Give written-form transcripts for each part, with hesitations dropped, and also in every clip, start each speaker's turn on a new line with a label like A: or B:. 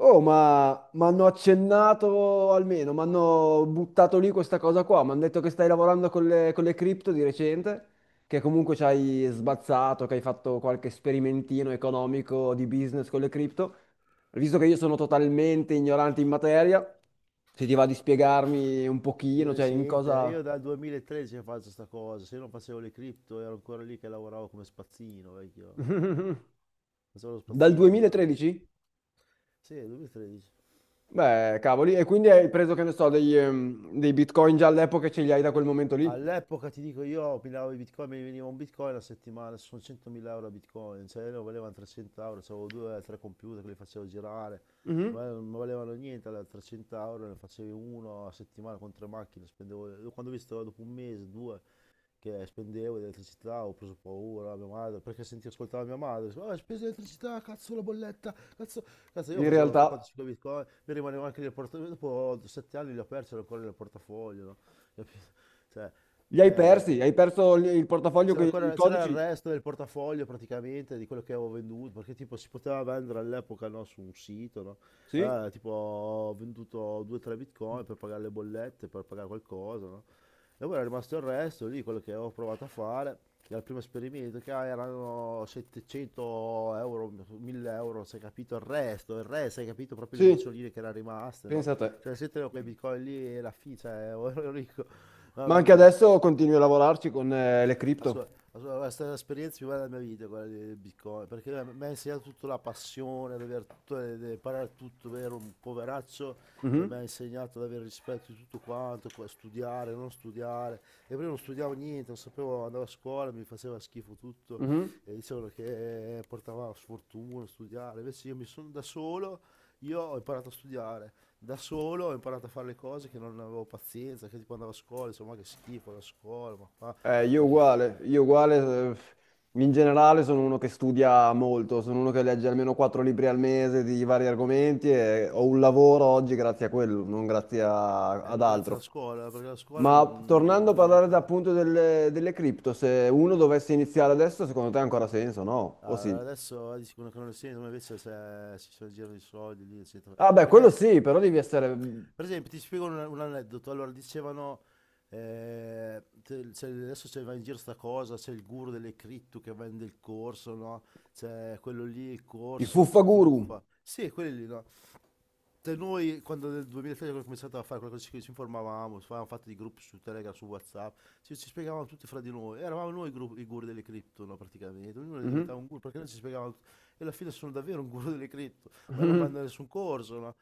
A: Oh, ma mi hanno accennato almeno, mi hanno buttato lì questa cosa qua, mi hanno detto che stai lavorando con le cripto di recente, che comunque ci hai sbazzato, che hai fatto qualche sperimentino economico di business con le cripto. Visto che io sono totalmente ignorante in materia, se ti va di spiegarmi un
B: Di
A: pochino, cioè in
B: recente,
A: cosa.
B: io dal 2013 che faccio sta cosa, se io non facevo le cripto ero ancora lì che lavoravo come spazzino, vecchio. Facevo lo
A: Dal
B: spazzino per fare le cripto.
A: 2013?
B: Sì, 2013.
A: Beh, cavoli, e quindi hai preso, che ne so, dei bitcoin già all'epoca e ce li hai da quel momento lì?
B: All'epoca ti dico io, minavo i bitcoin, mi veniva un bitcoin a settimana, sono 100.000 euro a bitcoin, cioè ne valevano 300 euro, avevo due o tre computer che li facevo girare,
A: Mhm.
B: ma non valevano niente, allora 300 euro ne facevi uno a settimana con tre macchine, spendevo, quando ho visto dopo un mese, due, che spendevo di elettricità, ho preso paura, mia madre, perché senti ascoltava mia madre, diceva, "Ah, spese di elettricità, cazzo la bolletta, cazzo, cazzo io
A: In
B: facevo 3, 4,
A: realtà.
B: 5 bitcoin, mi rimaneva anche nel portafoglio, dopo 7 anni li ho persi, ero ancora nel portafoglio, no? Capito? Cioè,
A: Li hai persi?
B: eh,
A: Hai perso il portafoglio, i
B: c'era il
A: codici?
B: resto del portafoglio praticamente di quello che avevo venduto, perché tipo si poteva vendere all'epoca, no, su un sito, no?
A: Sì?
B: Allora, tipo ho venduto 2-3 bitcoin per pagare le bollette, per pagare qualcosa, no? E poi era rimasto il resto lì, quello che avevo provato a fare, dal primo esperimento, che erano 700 euro, 1000 euro, sai, capito, il resto, hai capito, proprio le
A: Sì,
B: bricioline che erano rimaste, no?
A: pensa a te.
B: Cioè se tenevo quei bitcoin lì e cioè, ero ricco,
A: Ma
B: mamma
A: anche
B: mia.
A: adesso continui a lavorarci con le cripto.
B: È stata l'esperienza più bella della mia vita, quella del Bitcoin, perché mi ha insegnato tutta la passione, ad avere tutto, ad imparare tutto, ero un poveraccio e mi
A: Mhm,
B: ha insegnato ad avere rispetto di tutto quanto, studiare, non studiare. E prima non studiavo niente, non sapevo, andavo a scuola, mi faceva schifo tutto
A: mhm.
B: e dicevano che portava sfortuna studiare. Invece io mi sono da solo, io ho imparato a studiare, da solo ho imparato a fare le cose che non avevo pazienza, che tipo andavo a scuola, insomma che schifo la scuola,
A: Io
B: ma che...
A: uguale, io uguale, eh, in generale sono uno che studia molto, sono uno che legge almeno quattro libri al mese di vari argomenti e ho un lavoro oggi grazie a quello, non grazie a- ad
B: Non grazie
A: altro.
B: alla scuola, perché la scuola non,
A: Ma tornando a
B: non
A: parlare
B: merita.
A: appunto delle cripto, se uno dovesse iniziare adesso, secondo te ha ancora senso, no? O
B: Ah,
A: sì?
B: adesso dici con l'economia, come invece se si sono in giro di soldi lì, eccetera.
A: Vabbè, quello
B: Perché,
A: sì, però devi essere
B: per esempio, ti spiego un aneddoto. Allora, dicevano, adesso c'è va in giro sta cosa, c'è il guru delle cripto che vende il corso, no? C'è quello lì, il
A: i
B: corso, ti
A: fuffaguru.
B: truffa. Sì, quelli lì, no? Cioè, noi quando nel 2003 abbiamo cominciato a fare qualcosa ci informavamo, avevamo fatto dei gruppi su Telegram, su WhatsApp, ci spiegavamo tutti fra di noi, eravamo noi i guru delle cripto, no, praticamente, ognuno
A: Mhm.
B: diventava un guru perché noi ci spiegavamo tutto. E alla fine sono davvero un guru delle cripto, ma io non
A: Mhm.
B: vanno a nessun corso, no?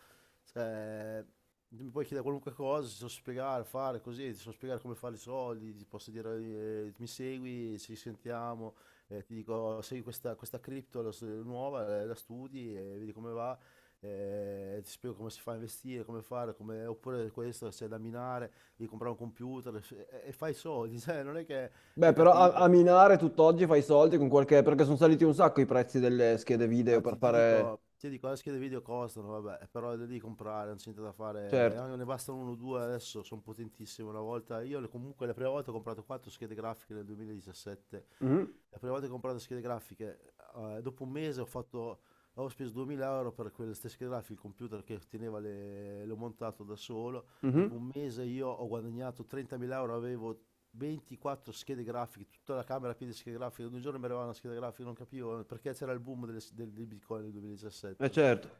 B: Cioè, mi puoi chiedere qualunque cosa, ti so spiegare, fare così, ti so spiegare come fare i soldi, ti posso dire, mi segui, ci sentiamo, ti dico, segui questa cripto nuova, la studi e vedi come va, ti spiego come si fa a investire, come fare, oppure questo c'è da minare, devi comprare un computer e fai soldi, cioè, non è che
A: Beh,
B: hai
A: però a,
B: capito.
A: a minare tutt'oggi fai soldi con qualche... perché sono saliti un sacco i prezzi delle schede video
B: Ah,
A: per
B: ti, ti
A: fare.
B: dico, ti dico, le schede video costano, vabbè, però le devi comprare, non c'è niente da fare. Eh,
A: Certo.
B: Anche ne bastano uno o due adesso, sono potentissime. Una volta, comunque la prima volta ho comprato quattro schede grafiche nel 2017.
A: Mhm.
B: La prima volta che ho comprato schede grafiche, dopo un mese ho speso 2000 euro per quelle stesse schede grafiche, il computer che l'ho montato da solo. Dopo
A: Mhm.
B: un mese io ho guadagnato 30.000 euro, avevo 24 schede grafiche, tutta la camera piena di schede grafiche, ogni giorno mi arrivava una scheda grafica, non capivo perché c'era il boom del Bitcoin nel 2017.
A: Certo.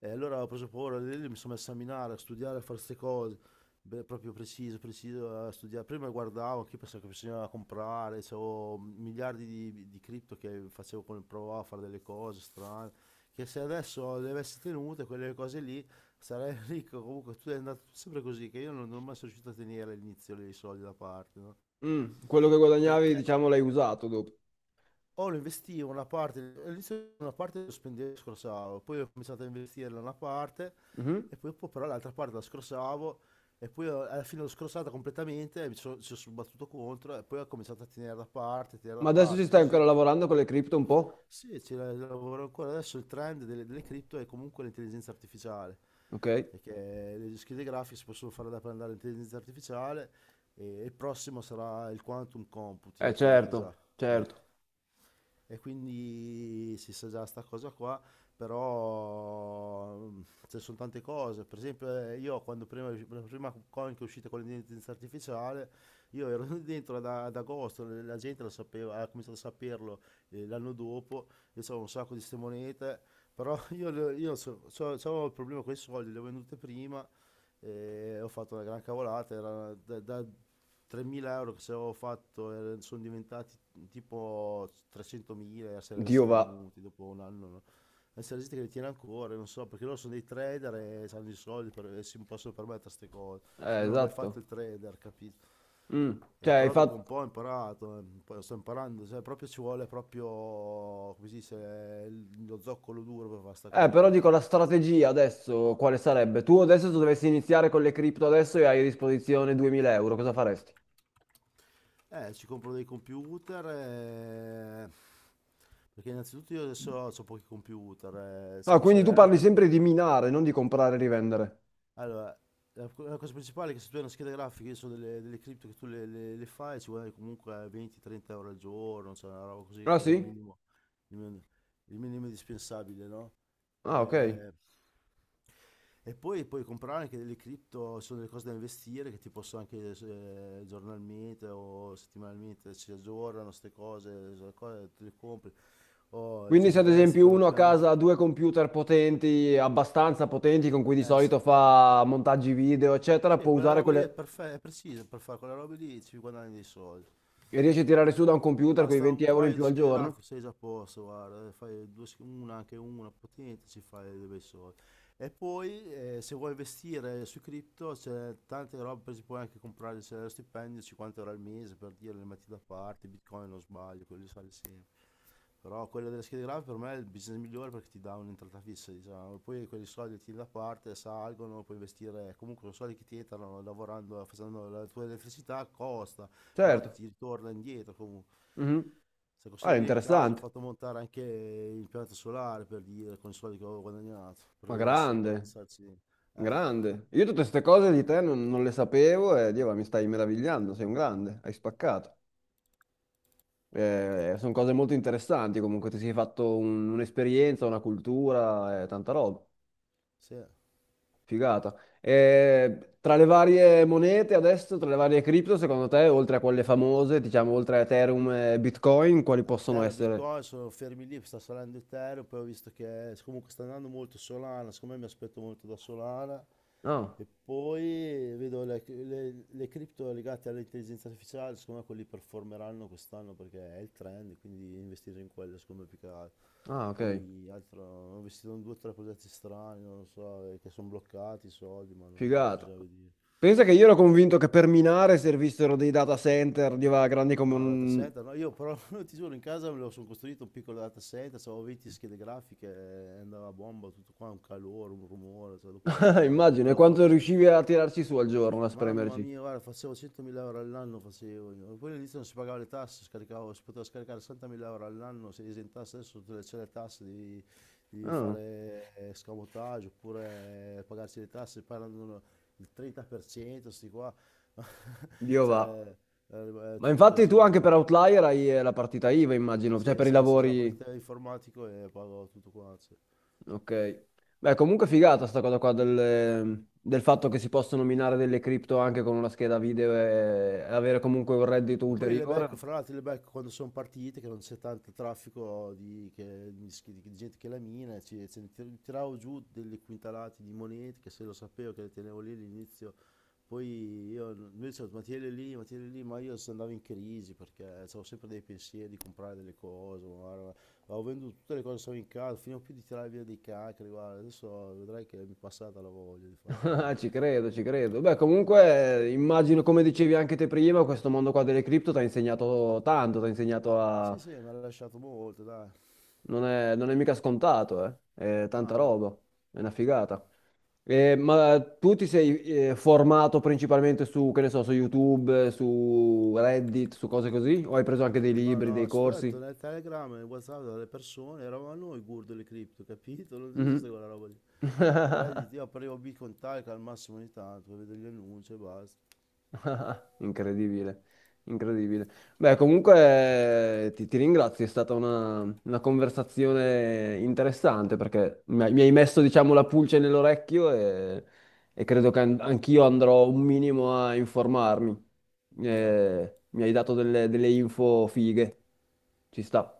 B: E allora ho preso paura, lì lì mi sono messo a minare, a studiare, a fare queste cose. Beh, proprio preciso, preciso, a studiare. Prima guardavo, anche io pensavo che bisognava comprare, avevo miliardi di cripto che facevo con il provavo a fare delle cose strane, che se adesso le avessi tenute, quelle cose lì, sarei ricco. Comunque tu è andato sempre così, che io non sono mai riuscito a tenere all'inizio lì i soldi da parte, no?
A: Mm. Quello che guadagnavi,
B: Perché?
A: diciamo, l'hai usato dopo.
B: O lo investivo una parte, all'inizio una parte lo spendevo e scorsavo, poi ho cominciato a investirla una parte
A: Mhm.
B: e poi dopo però l'altra parte la scorsavo e poi alla fine l'ho scorsata completamente e ci sono battuto contro e poi ho cominciato a tenere da
A: Ma adesso ci
B: parte
A: stai
B: così.
A: ancora lavorando con le cripto un po'?
B: Sì, lavoro ancora. Adesso il trend delle cripto è comunque l'intelligenza artificiale,
A: Ok.
B: perché le schede grafiche si possono fare da andare all'intelligenza artificiale e il prossimo sarà il quantum computing, ti dico già.
A: Certo,
B: Eh.
A: certo.
B: E quindi si sa già sta cosa qua, però ci sono tante cose. Per esempio, io quando prima, la prima coin che è uscita con l'intelligenza artificiale, io ero dentro ad agosto, la gente lo sapeva, ha cominciato a saperlo, l'anno dopo, io avevo un sacco di ste monete, però io, le- io so- so- so avevo il problema con i soldi, le ho vendute prima, e ho fatto una gran cavolata, era da 3.000 euro che se avevo fatto, sono diventati tipo 300.000 se li avessi
A: Dio va.
B: tenuti dopo un anno, no? Adesso la gente che li tiene ancora, non so, perché loro sono dei trader e hanno i soldi e si possono permettere queste cose. Io non ho mai fatto
A: Esatto.
B: il trader, capito?
A: Mm. Cioè, hai
B: Però dopo un
A: fatto.
B: po' ho imparato, poi sto imparando, cioè proprio ci vuole proprio, come si dice, lo zoccolo duro per fare sta cosa
A: Però
B: qua.
A: dico la strategia adesso, quale sarebbe? Tu adesso se dovessi iniziare con le cripto adesso e hai a disposizione 2000 euro, cosa faresti?
B: Ci compro dei computer, perché innanzitutto io adesso ho pochi computer, se
A: Ah,
B: mi
A: quindi
B: serve
A: tu parli
B: anche...
A: sempre di minare, non di comprare e rivendere.
B: Allora, la cosa principale è che se tu hai una scheda grafica, io so delle cripto che tu le fai, ci guadagni comunque 20-30 euro al giorno, cioè una roba così
A: Ah
B: che è il, sì,
A: sì?
B: minimo, il minimo, il minimo indispensabile, no?
A: Ah, ok.
B: Eh, e poi puoi comprare anche delle cripto, ci sono delle cose da investire che ti possono anche, giornalmente o settimanalmente ci aggiornano, queste cose, te le compri o ci
A: Quindi se ad
B: investi
A: esempio
B: piano
A: uno a
B: piano.
A: casa ha due computer potenti, abbastanza potenti, con cui di
B: Eh sì.
A: solito fa montaggi video, eccetera,
B: Sì,
A: può
B: quella
A: usare
B: roba lì
A: quelle.
B: è precisa per fare quella roba lì, ci guadagni dei soldi.
A: E riesce a tirare su da un computer quei
B: Basta
A: 20
B: un
A: euro in
B: paio di
A: più al
B: schede
A: giorno?
B: grafiche, sei già a posto, guarda, fai una, anche una potente, ci fai dei bei soldi. E poi, se vuoi investire sui cripto c'è tante robe, per esempio puoi anche comprare, c'è lo stipendio 50 euro al mese, per dire le metti da parte, Bitcoin non sbaglio, quello sale sempre. Però quello delle schede grafiche per me è il business migliore perché ti dà un'entrata fissa, diciamo. Poi quei soldi ti da parte, salgono, puoi investire. Comunque, sono soldi che ti entrano lavorando, facendo, la tua elettricità costa, però
A: Certo.
B: ti ritorna indietro comunque.
A: Mhm.
B: Se
A: Ah, è
B: consideri, io in casa ho
A: interessante.
B: fatto montare anche l'impianto solare per dire, con i soldi che avevo guadagnato,
A: Ma
B: per cercare di
A: grande.
B: starci.
A: Grande. Io tutte queste cose di te non le sapevo e Dio, mi stai meravigliando, sei un grande, hai spaccato. Sono cose molto interessanti, comunque ti sei fatto un'esperienza, una cultura, tanta roba.
B: Sì.
A: Figata. Tra le varie monete adesso, tra le varie cripto, secondo te, oltre a quelle famose, diciamo oltre a Ethereum e Bitcoin, quali possono
B: Terra
A: essere?
B: Bitcoin sono fermi lì, sta salendo Ethereum, poi ho visto che, comunque sta andando molto Solana, secondo me mi aspetto molto da Solana
A: No.
B: e poi vedo le cripto legate all'intelligenza artificiale, secondo me quelli performeranno quest'anno perché è il trend, quindi investire in quello secondo me, più che altro.
A: Ah, ok.
B: Poi altro, ho investito in due o tre progetti strani, non lo so, che sono bloccati i soldi, ma non
A: Figata.
B: bisogna vedere.
A: Pensa che io ero convinto che per minare servissero dei data center, Dio, grandi come
B: No, data
A: un
B: center, no, io però ti giuro, in casa me lo sono costruito un piccolo data center, avevo 20 schede grafiche, andava a bomba tutto qua, un calore, un rumore, cioè dopo ho smesso, perché
A: Immagino, e quanto
B: troppe schede.
A: riuscivi a tirarci su al giorno, a
B: Mamma
A: spremerci?
B: mia, guarda, facevo 100.000 euro all'anno, facevo io. Poi all'inizio non si pagava le tasse, scaricavo, si poteva scaricare 60.000 euro all'anno, se esentasse adesso tutte le, c'è le tasse, devi
A: Ah,
B: fare, scamotaggio oppure, pagarsi le tasse, parlano il 30%, sti qua,
A: Dio va.
B: cioè è
A: Ma
B: tutto un
A: infatti tu
B: casino.
A: anche
B: Sì.
A: per Outlier hai la partita IVA, immagino, cioè
B: Sì,
A: per i
B: sì, sì, sono
A: lavori.
B: partito informatico e pago tutto quanto. Sì.
A: Ok. Beh, comunque figata sta cosa qua del fatto che si possono minare delle cripto anche con una scheda video e avere comunque un reddito
B: E poi le
A: ulteriore.
B: becco, fra l'altro le becco quando sono partite, che non c'è tanto traffico di gente che la mina, ci, ce ne tir- tiravo giù delle quintalate di monete, che se lo sapevo che le tenevo lì all'inizio, poi io, lui diceva, ma tienile lì, ma tienile lì, ma io se andavo in crisi perché avevo sempre dei pensieri di comprare delle cose, guarda, avevo venduto tutte le cose che avevo in casa, finivo più di tirare via dei cacri, guarda, adesso vedrai che mi è passata la voglia di fare quella roba
A: Ah,
B: lì.
A: ci credo, ci credo. Beh, comunque immagino, come dicevi anche te prima, questo mondo qua delle cripto ti ha insegnato tanto, ti ha insegnato a.
B: Sì, sì, mi ha lasciato molto, dai.
A: Non è mica scontato, eh. È tanta
B: No, no,
A: roba,
B: no.
A: è una figata. Ma tu ti sei formato principalmente su, che ne so, su YouTube, su Reddit, su cose così? O hai preso anche dei
B: No,
A: libri, dei
B: no, sono
A: corsi?
B: detto nel Telegram, nel WhatsApp delle persone, eravamo noi gurdo le cripto, capito? Non esiste
A: Mhm.
B: quella roba lì. Reddit, io aprivo Bitcoin Talk al massimo ogni tanto, per vedere gli annunci e basta.
A: Incredibile, incredibile. Beh, comunque ti, ti, ringrazio, è stata una conversazione interessante perché mi hai messo, diciamo, la pulce nell'orecchio e credo che anch'io andrò un minimo a informarmi.
B: Dai.
A: Mi hai dato delle info fighe, ci sta.